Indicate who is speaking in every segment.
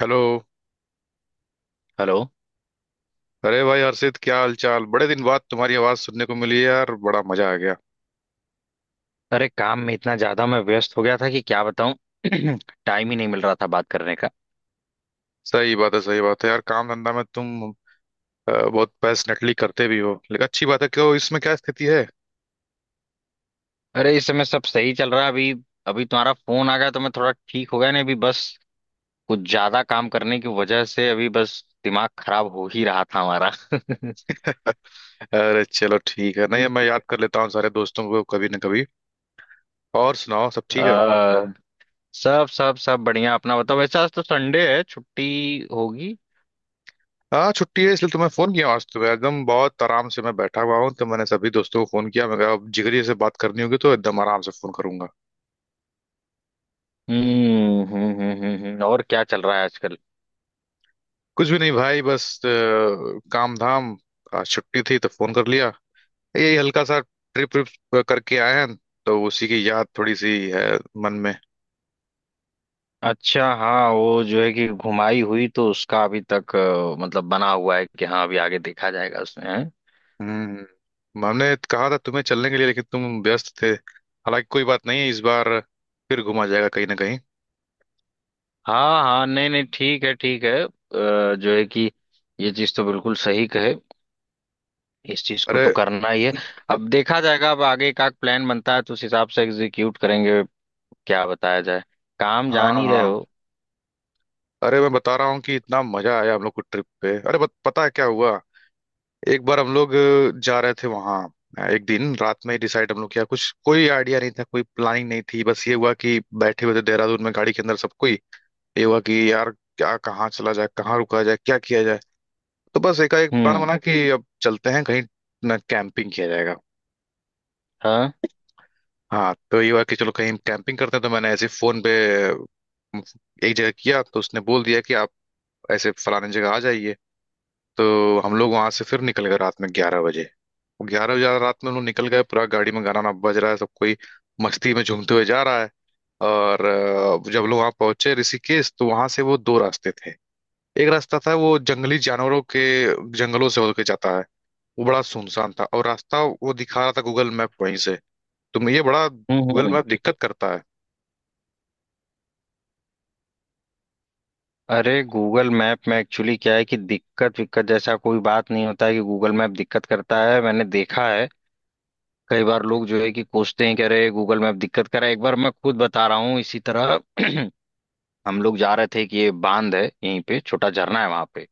Speaker 1: Hello.
Speaker 2: Hello.
Speaker 1: अरे भाई हर्षित, क्या हाल चाल? बड़े दिन बाद तुम्हारी आवाज सुनने को मिली है यार, बड़ा मजा आ गया।
Speaker 2: अरे काम में इतना ज्यादा मैं व्यस्त हो गया था कि क्या बताऊं। टाइम ही नहीं मिल रहा था बात करने का।
Speaker 1: सही बात है, सही बात है यार, काम धंधा में तुम बहुत पैशनेटली करते भी हो, लेकिन अच्छी बात है। क्यों, इसमें क्या स्थिति है?
Speaker 2: अरे इस समय सब सही चल रहा है। अभी अभी तुम्हारा फोन आ गया तो मैं थोड़ा ठीक हो गया। नहीं अभी बस कुछ ज्यादा काम करने की वजह से अभी बस दिमाग खराब हो ही रहा था हमारा।
Speaker 1: अरे चलो ठीक है, नहीं मैं याद कर लेता हूँ सारे दोस्तों को कभी ना कभी। और सुनाओ, सब ठीक है?
Speaker 2: आ, सब सब सब बढ़िया। अपना बताओ, वैसे आज तो संडे है, छुट्टी होगी।
Speaker 1: हाँ छुट्टी है, इसलिए तुम्हें फोन किया। आज तो मैं एकदम बहुत आराम से मैं बैठा हुआ हूँ, तो मैंने सभी दोस्तों को फोन किया। मैं कहा अब जिगरी से बात करनी होगी तो एकदम आराम से फोन करूंगा।
Speaker 2: और क्या चल रहा है आजकल?
Speaker 1: कुछ भी नहीं भाई, बस काम धाम। आज छुट्टी थी तो फोन कर लिया। यही हल्का सा ट्रिप ट्रिप करके आए हैं, तो उसी की याद थोड़ी सी है मन में।
Speaker 2: अच्छा हाँ, वो जो है कि घुमाई हुई तो उसका अभी तक मतलब बना हुआ है कि हाँ अभी आगे देखा जाएगा उसमें हैं?
Speaker 1: हम्म, हमने कहा था तुम्हें चलने के लिए, लेकिन तुम व्यस्त थे। हालांकि कोई बात नहीं है, इस बार फिर घुमा जाएगा कहीं ना कहीं।
Speaker 2: हाँ हाँ, नहीं नहीं, ठीक है ठीक है। जो है कि ये चीज तो बिल्कुल सही कहे, इस चीज को
Speaker 1: अरे
Speaker 2: तो करना ही है। अब देखा जाएगा, अब आगे का प्लान बनता है तो उस हिसाब से एग्जीक्यूट करेंगे। क्या बताया जाए, काम
Speaker 1: हाँ
Speaker 2: जान ही रहे
Speaker 1: हाँ,
Speaker 2: हो।
Speaker 1: अरे मैं बता रहा हूँ कि इतना मजा आया हम लोग को ट्रिप पे। अरे पता है क्या हुआ? एक बार हम लोग जा रहे थे वहाँ। एक दिन रात में ही डिसाइड हम लोग किया, कुछ कोई आइडिया नहीं था, कोई प्लानिंग नहीं थी। बस ये हुआ कि बैठे हुए थे देहरादून में गाड़ी के अंदर सब कोई। ये हुआ कि यार क्या, कहाँ चला जाए, कहाँ रुका जाए, क्या किया जाए। तो बस एकाएक प्लान
Speaker 2: हम्म।
Speaker 1: बना कि अब चलते हैं कहीं, ना कैंपिंग किया जाएगा।
Speaker 2: हाँ।
Speaker 1: हाँ तो ये हुआ कि चलो कहीं कैंपिंग करते हैं। तो मैंने ऐसे ही फोन पे अम, एक जगह किया, तो उसने बोल दिया कि आप ऐसे फलाने जगह आ जाइए। तो हम लोग वहां से फिर निकल गए रात में 11 बजे। ग्यारह बजे रात में हम लोग निकल गए, पूरा गाड़ी में गाना वाना बज रहा है, सब कोई मस्ती में झूमते हुए जा रहा है। और जब लोग वहां पहुंचे ऋषिकेश, तो वहां से वो दो रास्ते थे। एक रास्ता था वो जंगली जानवरों के, जंगलों से होके जाता है। वो बड़ा सुनसान था, और रास्ता वो दिखा रहा था गूगल मैप वहीं से। तुम ये बड़ा गूगल
Speaker 2: हम्म।
Speaker 1: मैप दिक्कत करता है।
Speaker 2: अरे गूगल मैप में एक्चुअली क्या है कि दिक्कत विक्कत जैसा कोई बात नहीं होता है कि गूगल मैप दिक्कत करता है, मैंने देखा है। कई बार लोग जो है कि कोसते हैं, कह रहे गूगल मैप दिक्कत कर रहा है। एक बार मैं खुद बता रहा हूँ इसी तरह। हम लोग जा रहे थे कि ये बांध है, यहीं पे छोटा झरना है वहां पे।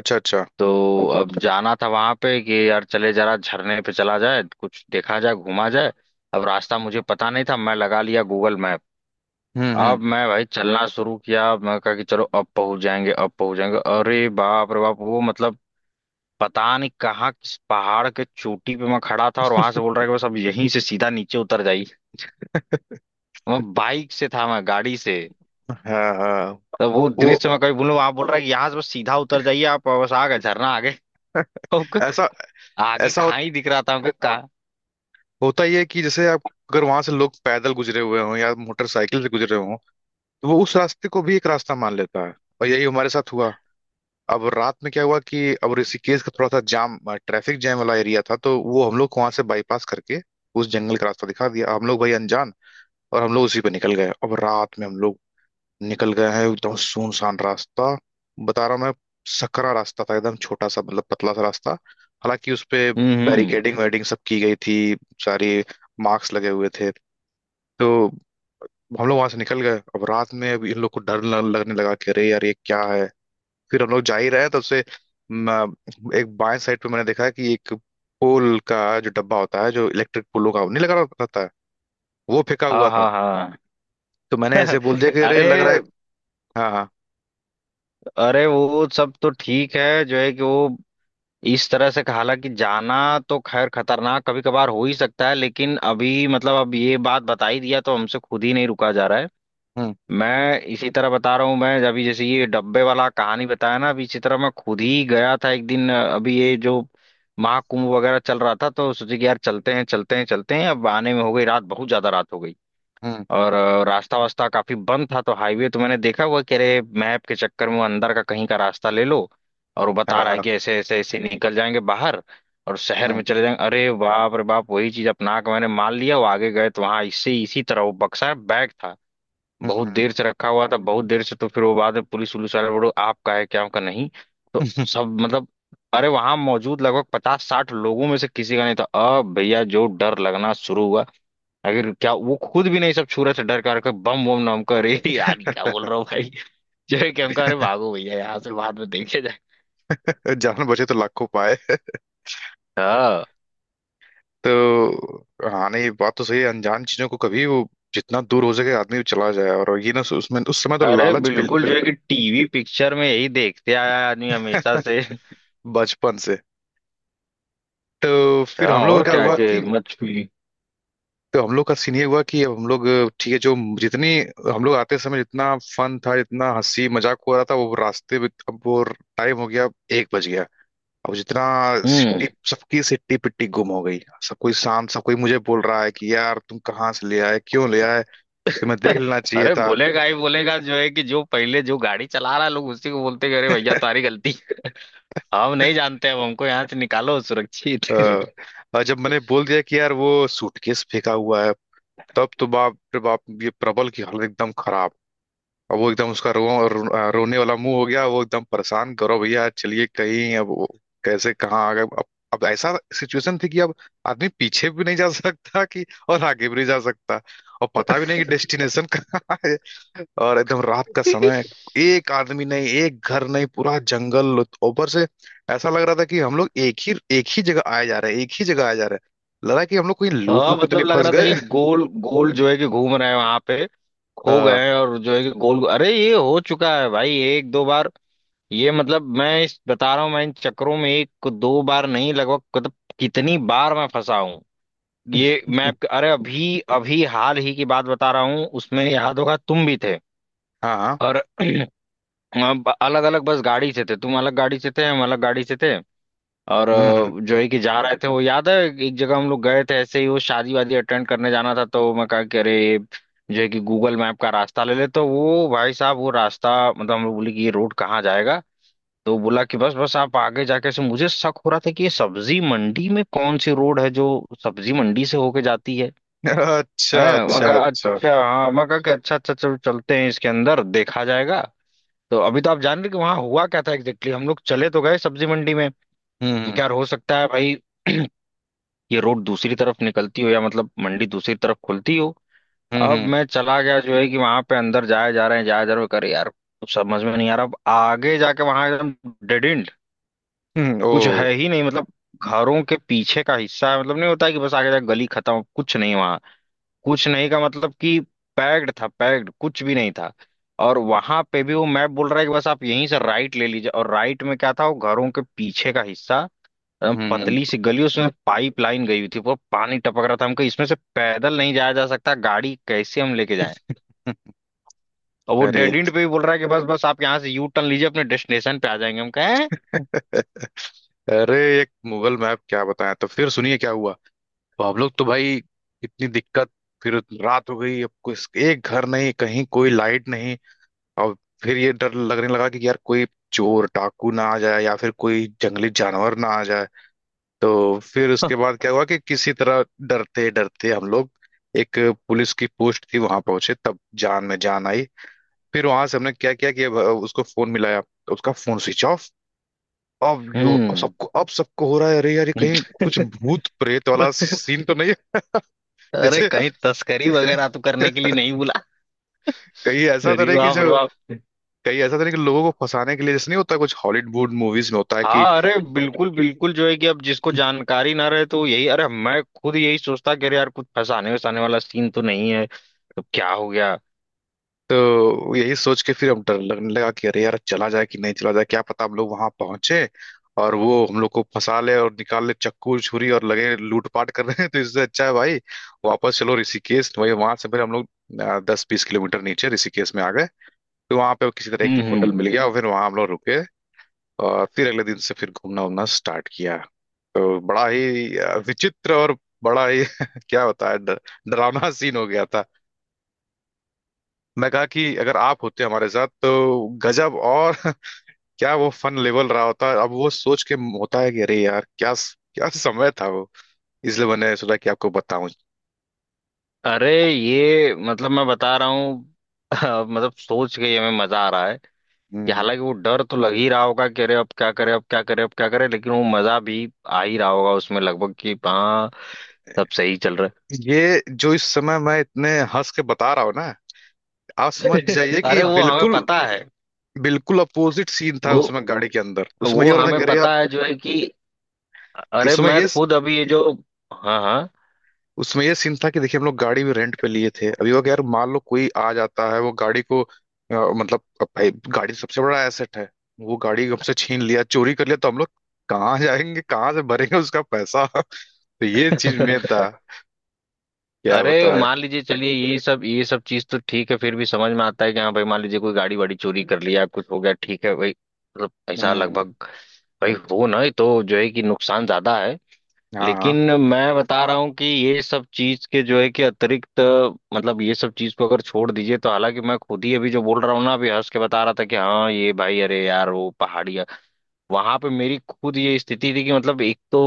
Speaker 1: अच्छा अच्छा।
Speaker 2: तो अब जाना था वहां पे कि यार चले जरा झरने पे, चला जाए कुछ देखा जाए घूमा जाए। अब रास्ता मुझे पता नहीं था, मैं लगा लिया गूगल मैप। अब
Speaker 1: हम्म।
Speaker 2: मैं भाई चलना शुरू किया, मैं कहा कि चलो अब पहुंच जाएंगे अब पहुंच जाएंगे। अरे बाप रे बाप, वो मतलब पता नहीं कहाँ किस पहाड़ के चोटी पे मैं खड़ा था, और वहां से बोल रहा है कि बस अब यहीं से सीधा नीचे उतर जाइए। मैं बाइक से था, मैं गाड़ी से।
Speaker 1: हाँ हाँ।
Speaker 2: तो वो
Speaker 1: वो
Speaker 2: दृश्य मैं कभी बोलूँ, आप बोल रहा है कि यहाँ से बस सीधा उतर जाइए आप, बस आ गए झरना आगे। हमको
Speaker 1: ऐसा,
Speaker 2: आगे
Speaker 1: ऐसा हो,
Speaker 2: खाई दिख रहा था हमको का।
Speaker 1: होता ही है कि जैसे आप, अगर वहां से लोग पैदल गुजरे हुए हों या मोटरसाइकिल से गुजरे हों, तो वो उस रास्ते को भी एक रास्ता मान लेता है। और यही हमारे साथ हुआ। अब रात में क्या हुआ कि अब ऋषिकेश का थोड़ा सा जाम, ट्रैफिक जैम वाला एरिया था, तो वो हम लोग को वहां से बाईपास करके उस जंगल का रास्ता दिखा दिया। हम लोग भाई अनजान, और हम लोग उसी पे निकल गए। अब रात में हम लोग निकल गए हैं एकदम सुनसान रास्ता, बता रहा हूँ मैं। सकरा रास्ता था, एकदम छोटा सा, मतलब पतला सा रास्ता। हालांकि उस पे
Speaker 2: हम्म।
Speaker 1: बैरिकेडिंग वेडिंग सब की गई थी, सारी मार्क्स लगे हुए थे। तो हम लोग वहां से निकल गए। अब रात में अब इन लोग को डर लगने लगा कि अरे यार ये क्या है। फिर हम लोग जा ही रहे हैं तब से, म, एक बाएं साइड पे मैंने देखा कि एक पोल का जो डब्बा होता है जो इलेक्ट्रिक पोलों का नहीं, लगा रहता है, वो फेंका
Speaker 2: हाँ
Speaker 1: हुआ था।
Speaker 2: हाँ हाँ।
Speaker 1: तो मैंने ऐसे बोल दिया, अच्छा कि अरे लग रहा
Speaker 2: अरे।
Speaker 1: है। हाँ हाँ।
Speaker 2: अरे वो सब तो ठीक है जो है कि वो इस तरह से हालांकि जाना तो खैर खतरनाक कभी कभार हो ही सकता है, लेकिन अभी मतलब अब ये बात बता ही दिया तो हमसे खुद ही नहीं रुका जा रहा है।
Speaker 1: हम्म
Speaker 2: मैं इसी तरह बता रहा हूँ, मैं अभी जैसे ये डब्बे वाला कहानी बताया ना, अभी इसी तरह मैं खुद ही गया था एक दिन। अभी ये जो महाकुंभ वगैरह चल रहा था तो सोचे कि यार चलते हैं चलते हैं चलते हैं। अब आने में हो गई रात, बहुत ज्यादा रात हो गई।
Speaker 1: हम्म।
Speaker 2: और रास्ता वास्ता काफी बंद था तो हाईवे तो मैंने देखा हुआ, कह रहे मैप के चक्कर में वो अंदर का कहीं का रास्ता ले लो। और वो बता
Speaker 1: हाँ
Speaker 2: रहा है
Speaker 1: हाँ।
Speaker 2: कि ऐसे ऐसे ऐसे निकल जाएंगे बाहर, और शहर में
Speaker 1: हम्म
Speaker 2: चले जाएंगे। अरे बाप रे बाप, वही चीज अपना के मैंने मान लिया। वो आगे गए तो वहां इससे इसी तरह वो बक्सा बैग था, बहुत
Speaker 1: हम्म।
Speaker 2: देर से रखा हुआ था, बहुत देर से। तो फिर वो बाद में पुलिस उलिस वाले बोलो आपका है क्या आपका नहीं। तो
Speaker 1: हम्म।
Speaker 2: सब मतलब, अरे वहां मौजूद लगभग पचास साठ लोगों में से किसी का नहीं था। अब भैया जो डर लगना शुरू हुआ, अगर क्या वो खुद भी नहीं, सब छू रहे थे डर कर कर बम बम नाम कर, अरे यार क्या बोल रहा हूँ भाई। जो है कि हम कहा, अरे भागो भैया यहाँ से, बाद में देखे जाए।
Speaker 1: जान बचे तो लाखों पाए।
Speaker 2: हाँ।
Speaker 1: तो हाँ, नहीं बात तो सही है। अनजान चीजों को कभी वो जितना दूर हो सके आदमी चला जाए, और ये ना उसमें, उस समय तो
Speaker 2: अरे
Speaker 1: लालच
Speaker 2: बिल्कुल जो
Speaker 1: बिल्कुल।
Speaker 2: है कि टीवी पिक्चर में यही देखते आया है आदमी हमेशा से।
Speaker 1: बचपन से। तो फिर
Speaker 2: हाँ
Speaker 1: हम लोग का
Speaker 2: और
Speaker 1: क्या
Speaker 2: क्या
Speaker 1: हुआ
Speaker 2: के
Speaker 1: कि,
Speaker 2: मत छुई।
Speaker 1: तो हम लोग का सीन ये हुआ कि अब हम लोग ठीक है जो, जितनी, हम लोग आते समय जितना फन था, जितना हंसी मजाक हो रहा था वो रास्ते में, अब वो टाइम हो गया एक बज गया। अब जितना
Speaker 2: हम्म।
Speaker 1: सिट्टी, सबकी सिट्टी पिट्टी गुम हो गई। सब कोई शांत, सब कोई मुझे बोल रहा है कि यार तुम कहाँ से ले आए, क्यों ले आए, तुम्हें देख लेना चाहिए
Speaker 2: अरे
Speaker 1: था।
Speaker 2: बोलेगा ही बोलेगा जो है कि जो पहले जो गाड़ी चला रहा है लोग उसी को बोलते हैं, अरे भैया तुम्हारी गलती है। हम नहीं जानते, अब हमको यहाँ से निकालो सुरक्षित।
Speaker 1: अ, और जब मैंने बोल दिया कि यार वो सूटकेस फेंका हुआ है, तब तो बाप रे बाप, ये प्रबल की हालत एकदम खराब। अब वो एकदम उसका रो, रो, आ, रोने वाला मुंह हो गया। वो एकदम परेशान, करो भैया चलिए कहीं, अब वो कैसे कहाँ आ गए अब। अब ऐसा सिचुएशन थी कि अब आदमी पीछे भी नहीं जा सकता कि, और आगे भी नहीं जा सकता, और पता भी नहीं कि डेस्टिनेशन कहाँ है। और एकदम रात का समय, एक आदमी नहीं, एक घर नहीं, पूरा जंगल, ऊपर से ऐसा लग रहा था कि हम लोग एक ही जगह आए जा रहे हैं, एक ही जगह आए जा रहे हैं। लगा कि हम लोग कोई लूप
Speaker 2: हाँ
Speaker 1: वूप तो
Speaker 2: मतलब
Speaker 1: नहीं
Speaker 2: लग
Speaker 1: फंस
Speaker 2: रहा था कि
Speaker 1: गए।
Speaker 2: गोल गोल जो है कि घूम रहे हैं वहां पे, खो गए
Speaker 1: हाँ
Speaker 2: हैं और जो है कि गोल। अरे ये हो चुका है भाई एक दो बार। ये मतलब मैं इस बता रहा हूँ, मैं इन चक्करों में एक दो बार नहीं लगभग मतलब कितनी बार मैं फंसा हूँ ये मैं। अरे अभी अभी हाल ही की बात बता रहा हूँ, उसमें याद होगा तुम भी थे।
Speaker 1: हाँ हाँ,
Speaker 2: और हम अलग अलग बस गाड़ी से थे, तुम अलग गाड़ी से थे, हम अलग गाड़ी से थे। और
Speaker 1: हम्म।
Speaker 2: जो है कि जा रहे थे वो याद है। एक जगह हम लोग गए थे ऐसे ही वो शादी वादी अटेंड करने जाना था, तो मैं कहा कि अरे ये जो है कि गूगल मैप का रास्ता ले ले, तो वो भाई साहब वो रास्ता मतलब। हम लोग बोले कि ये रोड कहाँ जाएगा, तो बोला कि बस बस आप आगे जाके। से मुझे शक हो रहा था कि ये सब्जी मंडी में कौन सी रोड है जो सब्जी मंडी से होके जाती है है।
Speaker 1: अच्छा
Speaker 2: मैं
Speaker 1: अच्छा
Speaker 2: कहा
Speaker 1: अच्छा।
Speaker 2: अच्छा हाँ, मैं कहा कि अच्छा अच्छा चलो चलते हैं, इसके अंदर देखा जाएगा। तो अभी तो आप जान रहे कि वहां हुआ क्या था एग्जैक्टली, हम लोग चले तो गए सब्जी मंडी में।
Speaker 1: हम्म
Speaker 2: क्या हो सकता है भाई, ये रोड दूसरी तरफ निकलती हो या मतलब मंडी दूसरी तरफ खुलती हो।
Speaker 1: हम्म।
Speaker 2: अब मैं चला गया जो है कि वहां पे अंदर, जाया जा रहे हैं जाया जा रहे हैं, करे यार कुछ समझ में नहीं आ रहा। अब आगे जाके वहां एकदम डेड एंड, कुछ
Speaker 1: ओ।
Speaker 2: है ही नहीं मतलब। घरों के पीछे का हिस्सा है, मतलब नहीं होता है कि बस आगे जाके गली खत्म, कुछ नहीं वहां। कुछ नहीं का मतलब कि पैक्ड था, पैक्ड कुछ भी नहीं था। और वहां पे भी वो मैप बोल रहा है कि बस आप यहीं से राइट ले लीजिए, और राइट में क्या था वो घरों के पीछे का हिस्सा।
Speaker 1: हम्म।
Speaker 2: पतली सी गली, उसमें पाइप लाइन गई हुई थी, वो पानी टपक रहा था, हमको इसमें से पैदल नहीं जाया जा सकता, गाड़ी कैसे हम लेके जाएं। और वो
Speaker 1: अरे
Speaker 2: डेड
Speaker 1: तो-
Speaker 2: एंड पे भी बोल रहा है कि बस बस आप यहाँ से यू टर्न लीजिए अपने डेस्टिनेशन पे आ जाएंगे, हम कहें।
Speaker 1: अरे एक मुगल मैप क्या बताया, तो फिर सुनिए क्या हुआ। तो हम लोग तो भाई, इतनी दिक्कत। फिर रात हो गई, अब कुछ एक घर नहीं, कहीं कोई लाइट नहीं। और फिर ये डर लगने लगा कि यार कोई चोर डाकू ना आ जाए, या फिर कोई जंगली जानवर ना आ जाए। तो फिर उसके बाद क्या हुआ कि किसी तरह डरते डरते हम लोग एक पुलिस की पोस्ट थी वहां पहुंचे, तब जान में जान आई। फिर वहां से हमने क्या किया कि अब उसको फोन मिलाया तो उसका फोन स्विच ऑफ। अब यो, अब
Speaker 2: हम्म।
Speaker 1: सबको, अब सबको हो रहा है अरे यार ये कहीं कुछ भूत प्रेत वाला सीन तो नहीं है।
Speaker 2: अरे
Speaker 1: जैसे
Speaker 2: कहीं तस्करी वगैरह तो करने के लिए नहीं बुला।
Speaker 1: कहीं ऐसा तो
Speaker 2: अरे
Speaker 1: नहीं कि
Speaker 2: बाप रे
Speaker 1: जो,
Speaker 2: बाप।
Speaker 1: कहीं ऐसा तो नहीं कि लोगों को फंसाने के लिए, जैसे नहीं होता कुछ हॉलीवुड मूवीज में होता है कि।
Speaker 2: हाँ अरे बिल्कुल बिल्कुल जो है कि अब जिसको जानकारी ना रहे तो यही, अरे मैं खुद यही सोचता कि अरे यार कुछ फंसाने वसाने वाला सीन तो नहीं है। तो क्या हो गया?
Speaker 1: तो यही सोच के फिर हम, डर लगने लगा कि अरे यार चला जाए कि नहीं चला जाए, क्या पता हम लोग वहां पहुंचे और वो हम लोग को फंसा ले और निकाल ले चक्कू छुरी और लगे लूटपाट कर रहे हैं। तो इससे अच्छा है भाई वापस चलो ऋषिकेश। वही वहां से फिर हम लोग 10 20 किलोमीटर नीचे ऋषिकेश में आ गए। तो वहां पे किसी तरह एक होटल
Speaker 2: हम्म।
Speaker 1: मिल गया, और फिर वहां हम लोग रुके। और फिर अगले दिन से फिर घूमना उमना स्टार्ट किया। तो बड़ा ही विचित्र और बड़ा ही क्या बताया, डरावना सीन हो गया। मैं कहा कि अगर आप होते हमारे साथ तो गजब, और क्या वो फन लेवल रहा होता। अब वो सोच के होता है कि अरे यार क्या, क्या समय था वो। इसलिए मैंने सोचा कि आपको बताऊं।
Speaker 2: अरे ये मतलब मैं बता रहा हूँ। मतलब सोच के ही हमें मजा आ रहा है कि
Speaker 1: हम्म।
Speaker 2: हालांकि वो डर तो लग ही रहा होगा कि अरे अब क्या करे अब क्या करे अब क्या करे, लेकिन वो मजा भी आ ही रहा होगा उसमें लगभग कि हाँ सब सही चल रहा
Speaker 1: ये जो इस समय मैं इतने हंस के बता रहा हूँ ना, आप
Speaker 2: है।
Speaker 1: समझ जाइए कि
Speaker 2: अरे वो हमें
Speaker 1: बिल्कुल
Speaker 2: पता है।
Speaker 1: बिल्कुल अपोजिट सीन था।
Speaker 2: वो
Speaker 1: उसमें गाड़ी के अंदर उसमें ये
Speaker 2: वो
Speaker 1: हो रहा था
Speaker 2: हमें
Speaker 1: कि अरे यार,
Speaker 2: पता है जो है कि अरे
Speaker 1: इसमें
Speaker 2: मैं
Speaker 1: ये,
Speaker 2: खुद अभी ये जो। हाँ हाँ।
Speaker 1: उसमें ये सीन था कि देखिए, हम लोग गाड़ी भी रेंट पे लिए थे। अभी वो यार मान लो कोई आ जाता है, वो गाड़ी को मतलब, अब भाई गाड़ी तो सबसे बड़ा एसेट है। वो गाड़ी हमसे छीन लिया, चोरी कर लिया, तो हम लोग कहाँ जाएंगे, कहाँ से भरेंगे उसका पैसा। तो ये चीज में था, क्या
Speaker 2: अरे
Speaker 1: बताए।
Speaker 2: मान लीजिए चलिए ये सब चीज तो ठीक है, फिर भी समझ में आता है कि हाँ भाई मान लीजिए कोई गाड़ी वाड़ी चोरी कर लिया कुछ हो गया, ठीक है भाई मतलब ऐसा
Speaker 1: हम्म।
Speaker 2: लगभग भाई हो ना, ये तो जो है कि नुकसान ज्यादा है।
Speaker 1: हाँ
Speaker 2: लेकिन
Speaker 1: हाँ।
Speaker 2: मैं बता रहा हूँ कि ये सब चीज के जो है कि अतिरिक्त मतलब ये सब चीज को अगर छोड़ दीजिए, तो हालांकि मैं खुद ही अभी जो बोल रहा हूँ ना, अभी हंस के बता रहा था कि हाँ ये भाई अरे यार वो पहाड़ी वहां पे मेरी खुद ये स्थिति थी कि मतलब एक तो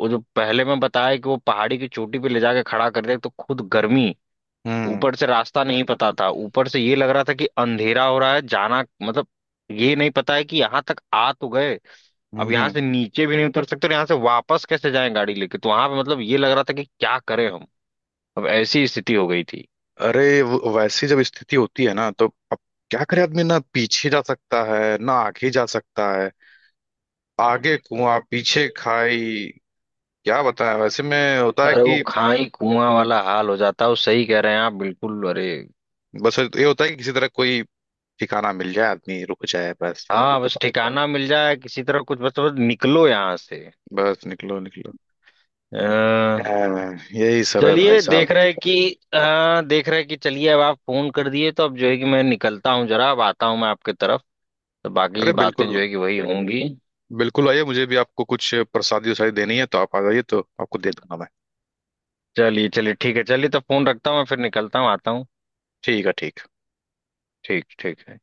Speaker 2: वो जो पहले मैं बताया कि वो पहाड़ी की चोटी पे ले जाके खड़ा कर दिया, तो खुद गर्मी,
Speaker 1: हम्म
Speaker 2: ऊपर से रास्ता नहीं पता था, ऊपर से ये लग रहा था कि अंधेरा हो रहा है, जाना मतलब ये नहीं पता है कि यहाँ तक आ तो गए, अब
Speaker 1: हम्म।
Speaker 2: यहाँ
Speaker 1: हम्म।
Speaker 2: से नीचे भी नहीं उतर सकते और यहाँ से वापस कैसे जाएं गाड़ी लेके। तो वहां पे मतलब ये लग रहा था कि क्या करें हम, अब ऐसी स्थिति हो गई थी।
Speaker 1: अरे वैसी जब स्थिति होती है ना, तो अब क्या करे आदमी, ना पीछे जा सकता है, ना आगे जा सकता है। आगे कुआं पीछे खाई, क्या बताएं, वैसे में होता है
Speaker 2: अरे वो
Speaker 1: कि
Speaker 2: खाई कुआं वाला हाल हो जाता है, वो सही कह रहे हैं आप बिल्कुल। अरे
Speaker 1: बस ये होता है कि किसी तरह कोई ठिकाना मिल जाए, आदमी रुक जाए बस।
Speaker 2: हाँ, बस ठिकाना मिल जाए किसी तरह, कुछ बस बस निकलो यहाँ से।
Speaker 1: बस निकलो निकलो।
Speaker 2: अ,
Speaker 1: हाँ, यही सब है भाई
Speaker 2: चलिए
Speaker 1: साहब।
Speaker 2: देख रहे कि देख रहे कि चलिए अब आप फोन कर दिए, तो अब जो है कि मैं निकलता हूँ जरा, अब आता हूँ मैं आपके तरफ। तो बाकी
Speaker 1: अरे
Speaker 2: की बातें
Speaker 1: बिल्कुल
Speaker 2: जो है कि वही होंगी।
Speaker 1: बिल्कुल, आइए, मुझे भी आपको कुछ प्रसादी उसादी देनी है, तो आप आ जाइए तो आपको दे दूंगा मैं।
Speaker 2: चलिए चलिए ठीक है, चलिए तो फोन रखता हूँ मैं, फिर निकलता हूँ आता हूँ।
Speaker 1: ठीक है, ठीक।
Speaker 2: ठीक ठीक है।